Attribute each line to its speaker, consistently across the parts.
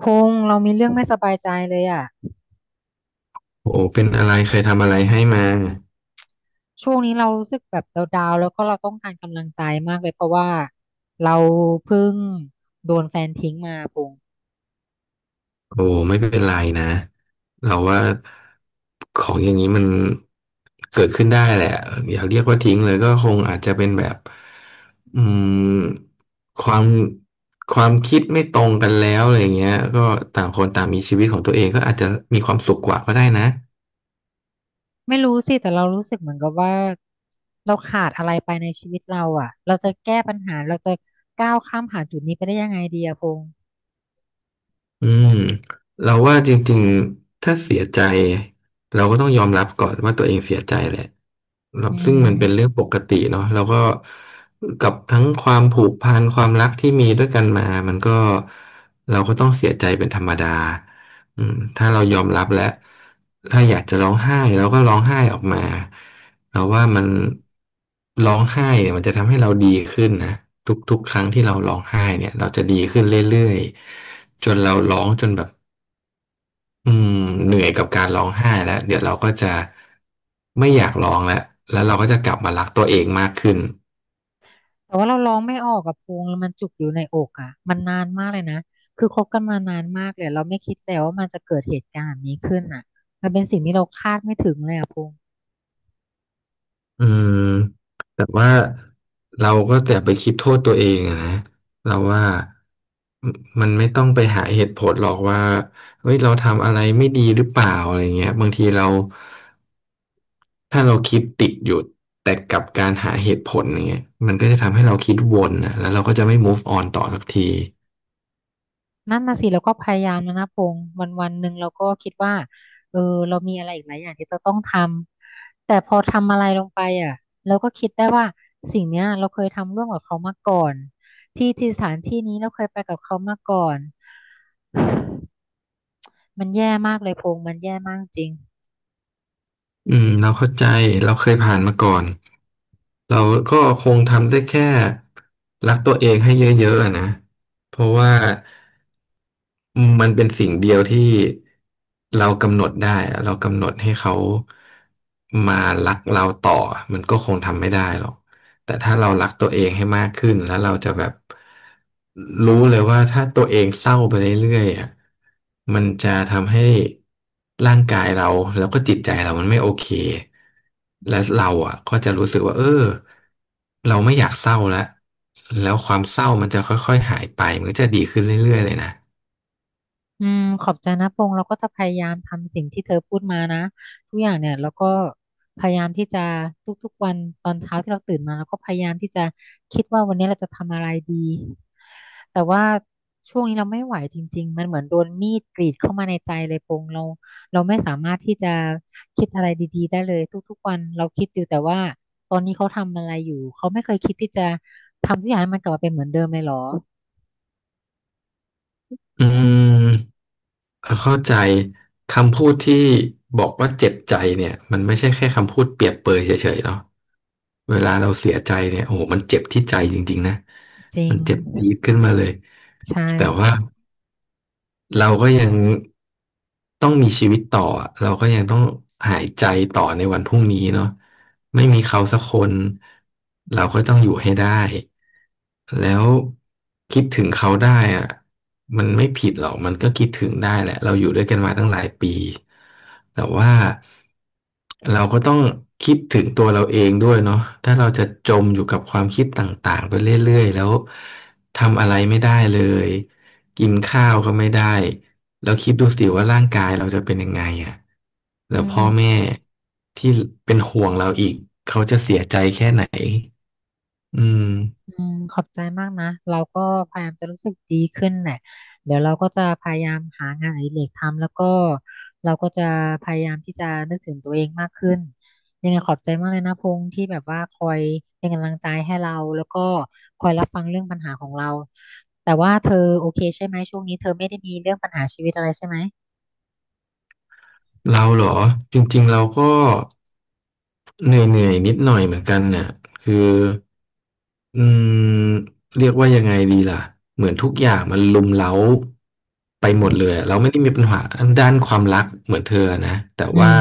Speaker 1: พงษ์เรามีเรื่องไม่สบายใจเลยอ่ะ
Speaker 2: โอ้เป็นอะไรเคยทำอะไรให้มา
Speaker 1: ช่วงนี้เรารู้สึกแบบดาวๆแล้วก็เราต้องการกำลังใจมากเลยเพราะว่าเราเพิ่งโดนแฟนทิ้งมาพงษ์
Speaker 2: โอ้ไม่เป็นไรนะเราว่าของอย่างนี้มันเกิดขึ้นได้แหละอย่าเรียกว่าทิ้งเลยก็คงอาจจะเป็นแบบอืมความความคิดไม่ตรงกันแล้วอะไรเงี้ยก็ต่างคนต่างมีชีวิตของตัวเองก็อาจจะมีความสุขกว่าก็ได้นะ
Speaker 1: ไม่รู้สิแต่เรารู้สึกเหมือนกับว่าเราขาดอะไรไปในชีวิตเราอ่ะเราจะแก้ปัญหาเราจะก้าวข้ามผ่านจุดนี้ไปได้ยังไงดีอะพงษ์
Speaker 2: อืมเราว่าจริงๆถ้าเสียใจเราก็ต้องยอมรับก่อนว่าตัวเองเสียใจแหละเรา
Speaker 1: อื
Speaker 2: ซึ่งมันเป็นเรื่อ
Speaker 1: ม
Speaker 2: งปกติเนาะเราก็กับทั้งความผูกพันความรักที่มีด้วยกันมามันก็เราก็ต้องเสียใจเป็นธรรมดาถ้าเรายอมรับแล้วถ้าอยากจะร้องไห้เราก็ร้องไห้ออกมา เราว่ามันร้องไห้เนี่ยมันจะทำให้เราดีขึ้นนะทุกๆครั้งที่เราร้องไห้เนี่ยเราจะดีขึ้นเรื่อยๆจนเราร้องจนแบบอืมเหนื่อยกับการร้องไห้แล้วเดี๋ยวเราก็จะไม่อยากร้องแล้วแล้วเราก็จะกลับมารักตัวเองมากขึ้น
Speaker 1: แต่ว่าเราร้องไม่ออกกับพงแล้วมันจุกอยู่ในอกอ่ะมันนานมากเลยนะคือคบกันมานานมากเลยเราไม่คิดเลยว่ามันจะเกิดเหตุการณ์แบบนี้ขึ้นอ่ะมันเป็นสิ่งที่เราคาดไม่ถึงเลยอ่ะพง
Speaker 2: อืมแต่ว่าเราก็แต่าไปคิดโทษตัวเองอะนะเราว่ามันมันไม่ต้องไปหาเหตุผลหรอกว่าเฮ้ยเราทำอะไรไม่ดีหรือเปล่าอะไรเงี้ยบางทีเรา ถ้าเราคิดติดอยู่แต่กับการหาเหตุผลอย่างเงี้ยมันก็จะทำให้เราคิดวนนะแล้วเราก็จะไม่ move on ต่อสักที
Speaker 1: นั่นนะสิเราก็พยายามแล้วนะพงวันหนึ่งเราก็คิดว่าเออเรามีอะไรอีกหลายอย่างที่เราต้องทำแต่พอทำอะไรลงไปอ่ะเราก็คิดได้ว่าสิ่งเนี้ยเราเคยทำร่วมกับเขามาก่อนที่สถานที่นี้เราเคยไปกับเขามาก่อนมันแย่มากเลยพงมันแย่มากจริง
Speaker 2: เราเข้าใจเราเคยผ่านมาก่อนเราก็คงทำได้แค่รักตัวเองให้เยอะๆอะนะเพราะว่า มันเป็นสิ่งเดียวที่เรากำหนดได้อะเรากำหนดให้เขามารักเราต่อมันก็คงทำไม่ได้หรอกแต่ถ้าเรารักตัวเองให้มากขึ้นแล้วเราจะแบบรู้เลยว่าถ้าตัวเองเศร้าไปเรื่อยๆอะมันจะทำให้ร่างกายเราแล้วก็จิตใจเรามันไม่โอเคและเราอ่ะก็จะรู้สึกว่าเออเราไม่อยากเศร้าแล้วแล้วความเศร้ามันจะค่อยๆหายไปมันก็จะดีขึ้นเรื่อยๆเลยนะ
Speaker 1: อืมขอบใจนะพงษ์เราก็จะพยายามทำสิ่งที่เธอพูดมานะทุกอย่างเนี่ยเราก็พยายามที่จะทุกๆวันตอนเช้าที่เราตื่นมาเราก็พยายามที่จะคิดว่าวันนี้เราจะทำอะไรดีแต่ว่าช่วงนี้เราไม่ไหวจริงๆมันเหมือนโดนมีดกรีดเข้ามาในใจเลยพงษ์เราเราไม่สามารถที่จะคิดอะไรดีๆได้เลยทุกๆวันเราคิดอยู่แต่ว่าตอนนี้เขาทำอะไรอยู่เขาไม่เคยคิดที่จะทำทุกอย่างให้มันกลับมาเป็นเหมือนเดิมเลยเหรอ
Speaker 2: อืมเข้าใจคำพูดที่บอกว่าเจ็บใจเนี่ยมันไม่ใช่แค่คำพูดเปรียบเปรยเฉยๆเนาะเวลาเราเสียใจเนี่ยโอ้โหมันเจ็บที่ใจจริงๆนะ
Speaker 1: จริ
Speaker 2: มั
Speaker 1: ง
Speaker 2: นเจ็บจี๊ดขึ้นมาเลย
Speaker 1: ใช่
Speaker 2: แต่ว่า เราก็ยังต้องมีชีวิตต่ออะเราก็ยังต้องหายใจต่อในวันพรุ่งนี้เนาะไม่มีเขาสักคนเราก็ต้องอยู่ให้ได้แล้วคิดถึงเขาได้อะมันไม่ผิดหรอกมันก็คิดถึงได้แหละเราอยู่ด้วยกันมาตั้งหลายปีแต่ว่าเราก็ต้องคิดถึงตัวเราเองด้วยเนาะถ้าเราจะจมอยู่กับความคิดต่างๆไปเรื่อยๆแล้วทำอะไรไม่ได้เลย กินข้าวก็ไม่ได้แล้วคิดดูสิว่าร่างกายเราจะเป็นยังไงอ่ะ
Speaker 1: อื
Speaker 2: แล้วพ่อ
Speaker 1: ม
Speaker 2: แม่ที่เป็นห่วงเราอีกเขาจะเสียใจแค่ไหนอืม
Speaker 1: อืมขอบใจมากนะเราก็พยายามจะรู้สึกดีขึ้นแหละเดี๋ยวเราก็จะพยายามหางานอดิเรกทำแล้วก็เราก็จะพยายามที่จะนึกถึงตัวเองมากขึ้นยังไงขอบใจมากเลยนะพงษ์ที่แบบว่าคอยเป็นกำลังใจให้เราแล้วก็คอยรับฟังเรื่องปัญหาของเราแต่ว่าเธอโอเคเรื่องปัญหาชีวิตอะไรใช่ไหม
Speaker 2: เราเหรอจริงๆเราก็เหนื่อยๆนิดหน่อยเหมือนกันน่ะคือ อืมเรียกว่ายังไงดีล่ะเหมือนทุกอย่างมันรุมเร้าไปหมดเลยอะเราไม่ได้มีปัญหาด้านความรักเหมือนเธอนะแต่
Speaker 1: อื
Speaker 2: ว่า
Speaker 1: ม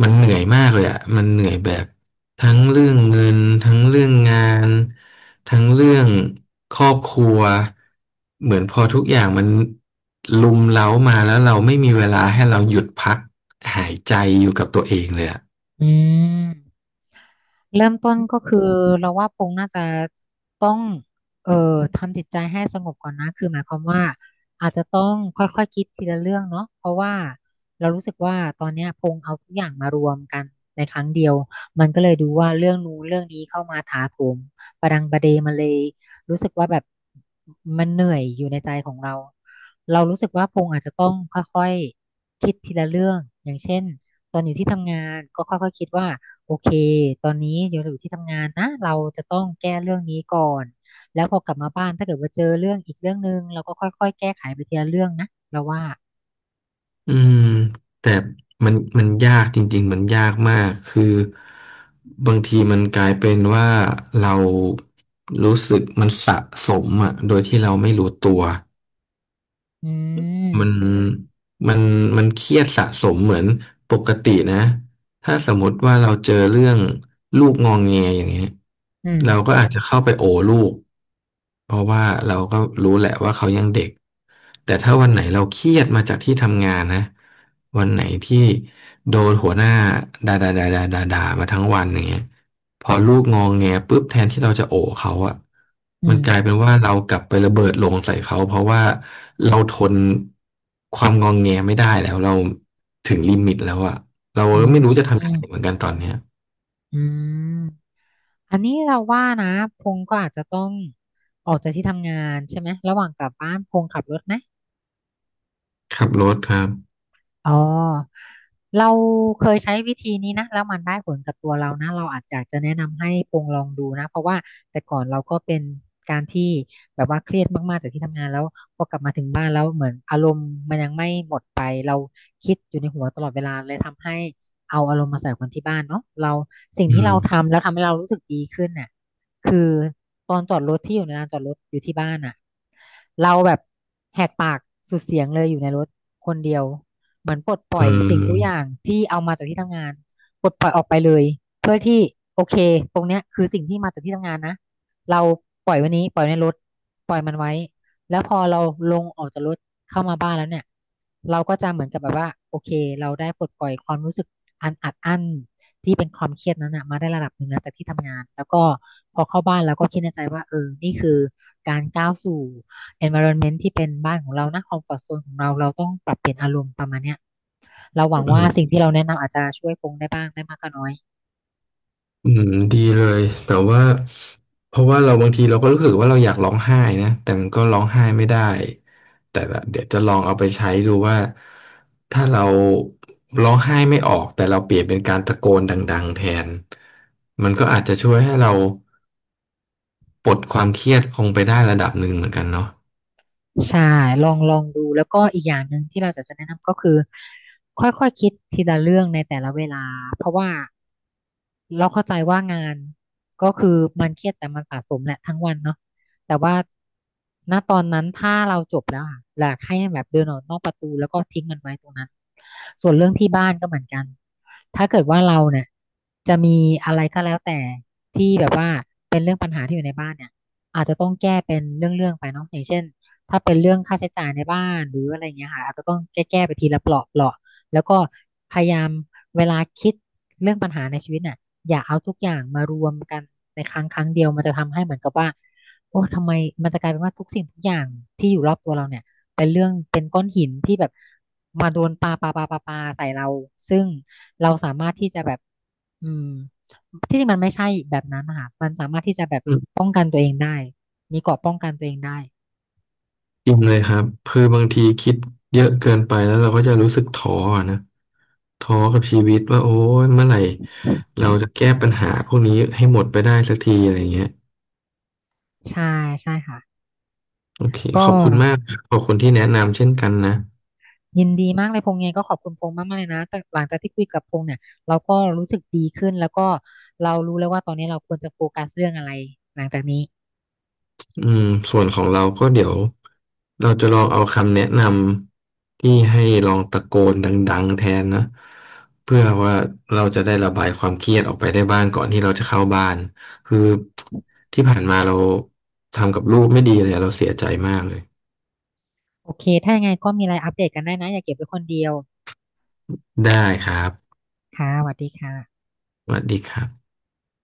Speaker 2: มันเหนื่อยมากเลยอ่ะมันเหนื่อยแบบทั้งเรื่องเงินทั้งเรื่องงานทั้งเรื่องครอบครัวเหมือนพอทุกอย่างมันรุมเร้ามาแล้วเราไม่มีเวลาให้เราหยุดพักหายใจอยู่กับตัวเองเลยอ่ะ
Speaker 1: อืม เริ่มต้นก็คือเราว่าปงน่าจะต้องเอ่อทำจิตใจให้สงบก่อนนะคือหมายความว่าอาจจะต้องค่อยๆคคิดทีละเรื่องเนาะเพราะว่าเรารู้สึกว่าตอนเนี้ยพงเอาทุกอย่างมารวมกันในครั้งเดียวมันก็เลยดูว่าเรื่องนู้นเรื่องนี้เข้ามาถาโถมประดังประเดมาเลยรู้สึกว่าแบบมันเหนื่อยอยู่ในใจของเราเรารู้สึกว่าพงอาจจะต้องค่อยๆคิดทีละเรื่องอย่างเช่นตอนอยู่ที่ทำงานก็ค่อยๆคิดว่า โอเคตอนนี้เดี๋ยวเราอยู่ที่ทำงานนะ เราจะต้องแก้เรื่องนี้ก่อน แล้วพอกลับมาบ้านถ้าเกิดว่าเจอเรื่องอีกเรื่องหนึ่งเราก็ค่อยๆแก้ไขไปทีละเรื่องนะเราว่า
Speaker 2: อืมแต่มันยากจริงๆมันยากมากคือบางทีมันกลายเป็นว่าเรารู้สึกมันสะสมอ่ะโดยที่เราไม่รู้ตัว
Speaker 1: อื
Speaker 2: มัน
Speaker 1: ม
Speaker 2: มันมันเครียดสะสมเหมือนปกตินะ ถ้าสมมติว่าเราเจอเรื่องลูกงองแงอย่างเงี้ย
Speaker 1: อืม
Speaker 2: เราก็อาจจะเข้าไปโอลูกเพราะว่าเราก็รู้แหละว่าเขายังเด็กแต่ถ้าวันไหนเราเครียดมาจากที่ทำงานนะวันไหนที่โดนหัวหน้าด่าด่าด่าด่าด่าด่ามาทั้งวันอย่างเงี้ยพอลูกงองแงปุ๊บแทนที่เราจะโอเขาอะ
Speaker 1: อื
Speaker 2: มัน
Speaker 1: ม
Speaker 2: กลายเป็นว่าเรากลับไประเบิดลงใส่เขาเพราะว่าเราทนความงองแงไม่ได้แล้วเราถึงลิมิตแล้วอะ เราก็
Speaker 1: อื
Speaker 2: ไม่รู้จะ
Speaker 1: ม
Speaker 2: ทำยังไงเหมือนกันตอนเนี้ย
Speaker 1: อืมอันนี้เราว่านะพงก็อาจจะต้องออกจากที่ทำงานใช่ไหม ระหว่างกลับบ้านพงขับรถไหม
Speaker 2: ขับรถครับ
Speaker 1: อ๋อเราเคยใช้วิธีนี้นะแล้วมันได้ผลกับตัวเรานะเราอาจจะแนะนำให้ปรงลองดูนะเพราะว่าแต่ก่อนเราก็เป็นการที่แบบว่าเครียดมากๆจากที่ทำงานแล้วพอกลับมาถึงบ้านแล้วเหมือนอารมณ์มันยังไม่หมดไปเราคิดอยู่ในหัวตลอดเวลาเลยทำให้เอาอารมณ์มาใส่คนที่บ้านเนาะเราสิ่ง
Speaker 2: อื
Speaker 1: ที่เรา
Speaker 2: ม
Speaker 1: ทำแล้วทำให้เรารู้สึกดีขึ้นน่ะคือตอนจอดรถที่อยู่ในลานจอดรถอยู่ที่บ้านน่ะเราแบบแหกปากสุดเสียงเลยอยู่ในรถคนเดียว เหมือนปลดปล่
Speaker 2: อื
Speaker 1: อย
Speaker 2: ม
Speaker 1: สิ่งทุกอย่างที่เอามาจากที่ทำงานปลดปล่อยออกไปเลยเพื่อที่โอเคตรงเนี้ยคือสิ่งที่มาจากที่ทำงานนะเราปล่อยไวันนี้ปล่อยวในรถปล่อยมันไว้แล้วพอเราลงออกจากรถเข้ามาบ้านแล้วเนี่ยเราก็จะเหมือนกับแบบว่าโอเคเราได้ปลดปล่อยความรู้สึกอันอัดอั้นที่เป็นความเครียดนั้นนะมาได้ระดับหนึ่งแล้วจากที่ทำงานแล้วก็พอเข้าบ้านแล้วก็คิดในใจว่าเออนี่คือการก้าวสู่ environment ที่เป็นบ้านของเรานะคอม f อร์ z o n นของเราเราต้องปรับเปลี่ยนอารมณ์ประมาณเนี้ยเราหวัง
Speaker 2: อื
Speaker 1: ว่า
Speaker 2: ม
Speaker 1: สิ่งที่เราแนะนำอาจจะช่วยพงได้บ้างไม่มากก็น้อย
Speaker 2: อืมดีเลยแต่ว่าเพราะว่าเราบางทีเราก็รู้สึกว่าเราอยากร้องไห้นะแต่มันก็ร้องไห้ไม่ได้ แต่ละเดี๋ยวจะลองเอาไปใช้ดูว่า ถ้าเราร้องไห้ไม่ออกแต่เราเปลี่ยนเป็นการตะโกนดังๆแทนมันก็อาจจะช่วยให้เราปลดความเครียดลงไปได้ระดับหนึ่งเหมือนกันเนาะ
Speaker 1: ใช่ลองดูแล้วก็อีกอย่างหนึ่งที่เราจะแนะนำก็คือค่อยๆคคิดทีละเรื่องในแต่ละเวลาเพราะว่าเราเข้าใจว่างานก็คือมันเครียดแต่มันสะสมแหละทั้งวันเนาะแต่ว่าณตอนนั้นถ้าเราจบแล้วอะอยากให้แบบเดินออกนอกประตูแล้วก็ทิ้งมันไว้ตรงนั้นส่วนเรื่องที่บ้านก็เหมือนกันถ้าเกิดว่าเราเนี่ยจะมีอะไรก็แล้วแต่ที่แบบว่าเป็นเรื่องปัญหาที่อยู่ในบ้านเนี่ยอาจจะต้องแก้เป็นเรื่องๆไปเนาะอย่างเช่น ถ้าเป็นเรื่องค่าใช้จ่ายในบ้านหรืออะไรเงี้ยค่ะอาจจะต้องแก้ๆไปทีละเปลาะแล้วก็พยายามเวลาคิดเรื่องปัญหาในชีวิตน่ะอย่าเอาทุกอย่างมารวมกันในครั้งเดียวมันจะทำให้เหมือนกับว่าโอ้ทำไมมันจะกลายเป็นว่าทุกสิ่งทุกอย่างที่อยู่รอบตัวเราเนี่ยเป็นเรื่องเป็นก้อนหินที่แบบมาโดนปาปาปาปาปาใส่เราซึ่งเราสามารถที่จะแบบอืมที่จริงมันไม่ใช่แบบนั้นนะคะมันสามารถที่จะแบบป้องกันตัวเองได้มีเกราะได้
Speaker 2: จริงเลยครับคือบางทีคิดเยอะเกินไปแล้วเราก็จะรู้สึกท้ออะนะท้อกับชีวิตว่าโอ้ยเมื่อไหร่เราจะแก้ปัญหาพวกนี้ให้หมดไปได้สักทีอะไรเงี้ย
Speaker 1: ใช่ใช่ค่ะ
Speaker 2: โอเค
Speaker 1: ก็
Speaker 2: ขอบคุณมากครับขอบคุณที่แนะนำเช่นกันนะ
Speaker 1: ยินดีมากเลยพงษ์ไงก็ขอบคุณพงษ์มากๆเลยนะแต่หลังจากที่คุยกับพงษ์เนี่ยเราก็รู้สึกดีขึ้นแล้วก็เรารู้แล้วว่าตอนนี้เราควรจะโฟกัสเรื่องอะไรหลังจากนี้
Speaker 2: อืมส่วนของเราก็เดี๋ยวเราจะลองเอาคำแนะนำที่ให้ลองตะโกนดังๆแทนนะเพื่อว่าเราจะได้ระบายความเครียดออกไปได้บ้างก่อนที่เราจะเข้าบ้านคือที่ผ่านมาเราทำกับลูกไม่ดีเลยเราเสียใจมากเลย
Speaker 1: โอเคถ้ายังไงก็มีอะไรอัปเดตกันได้นะอย่าเก็บไว้คนเดียว
Speaker 2: ได้ครับ
Speaker 1: ค่ะสวัสดีค่ะ
Speaker 2: สวัสดีครับ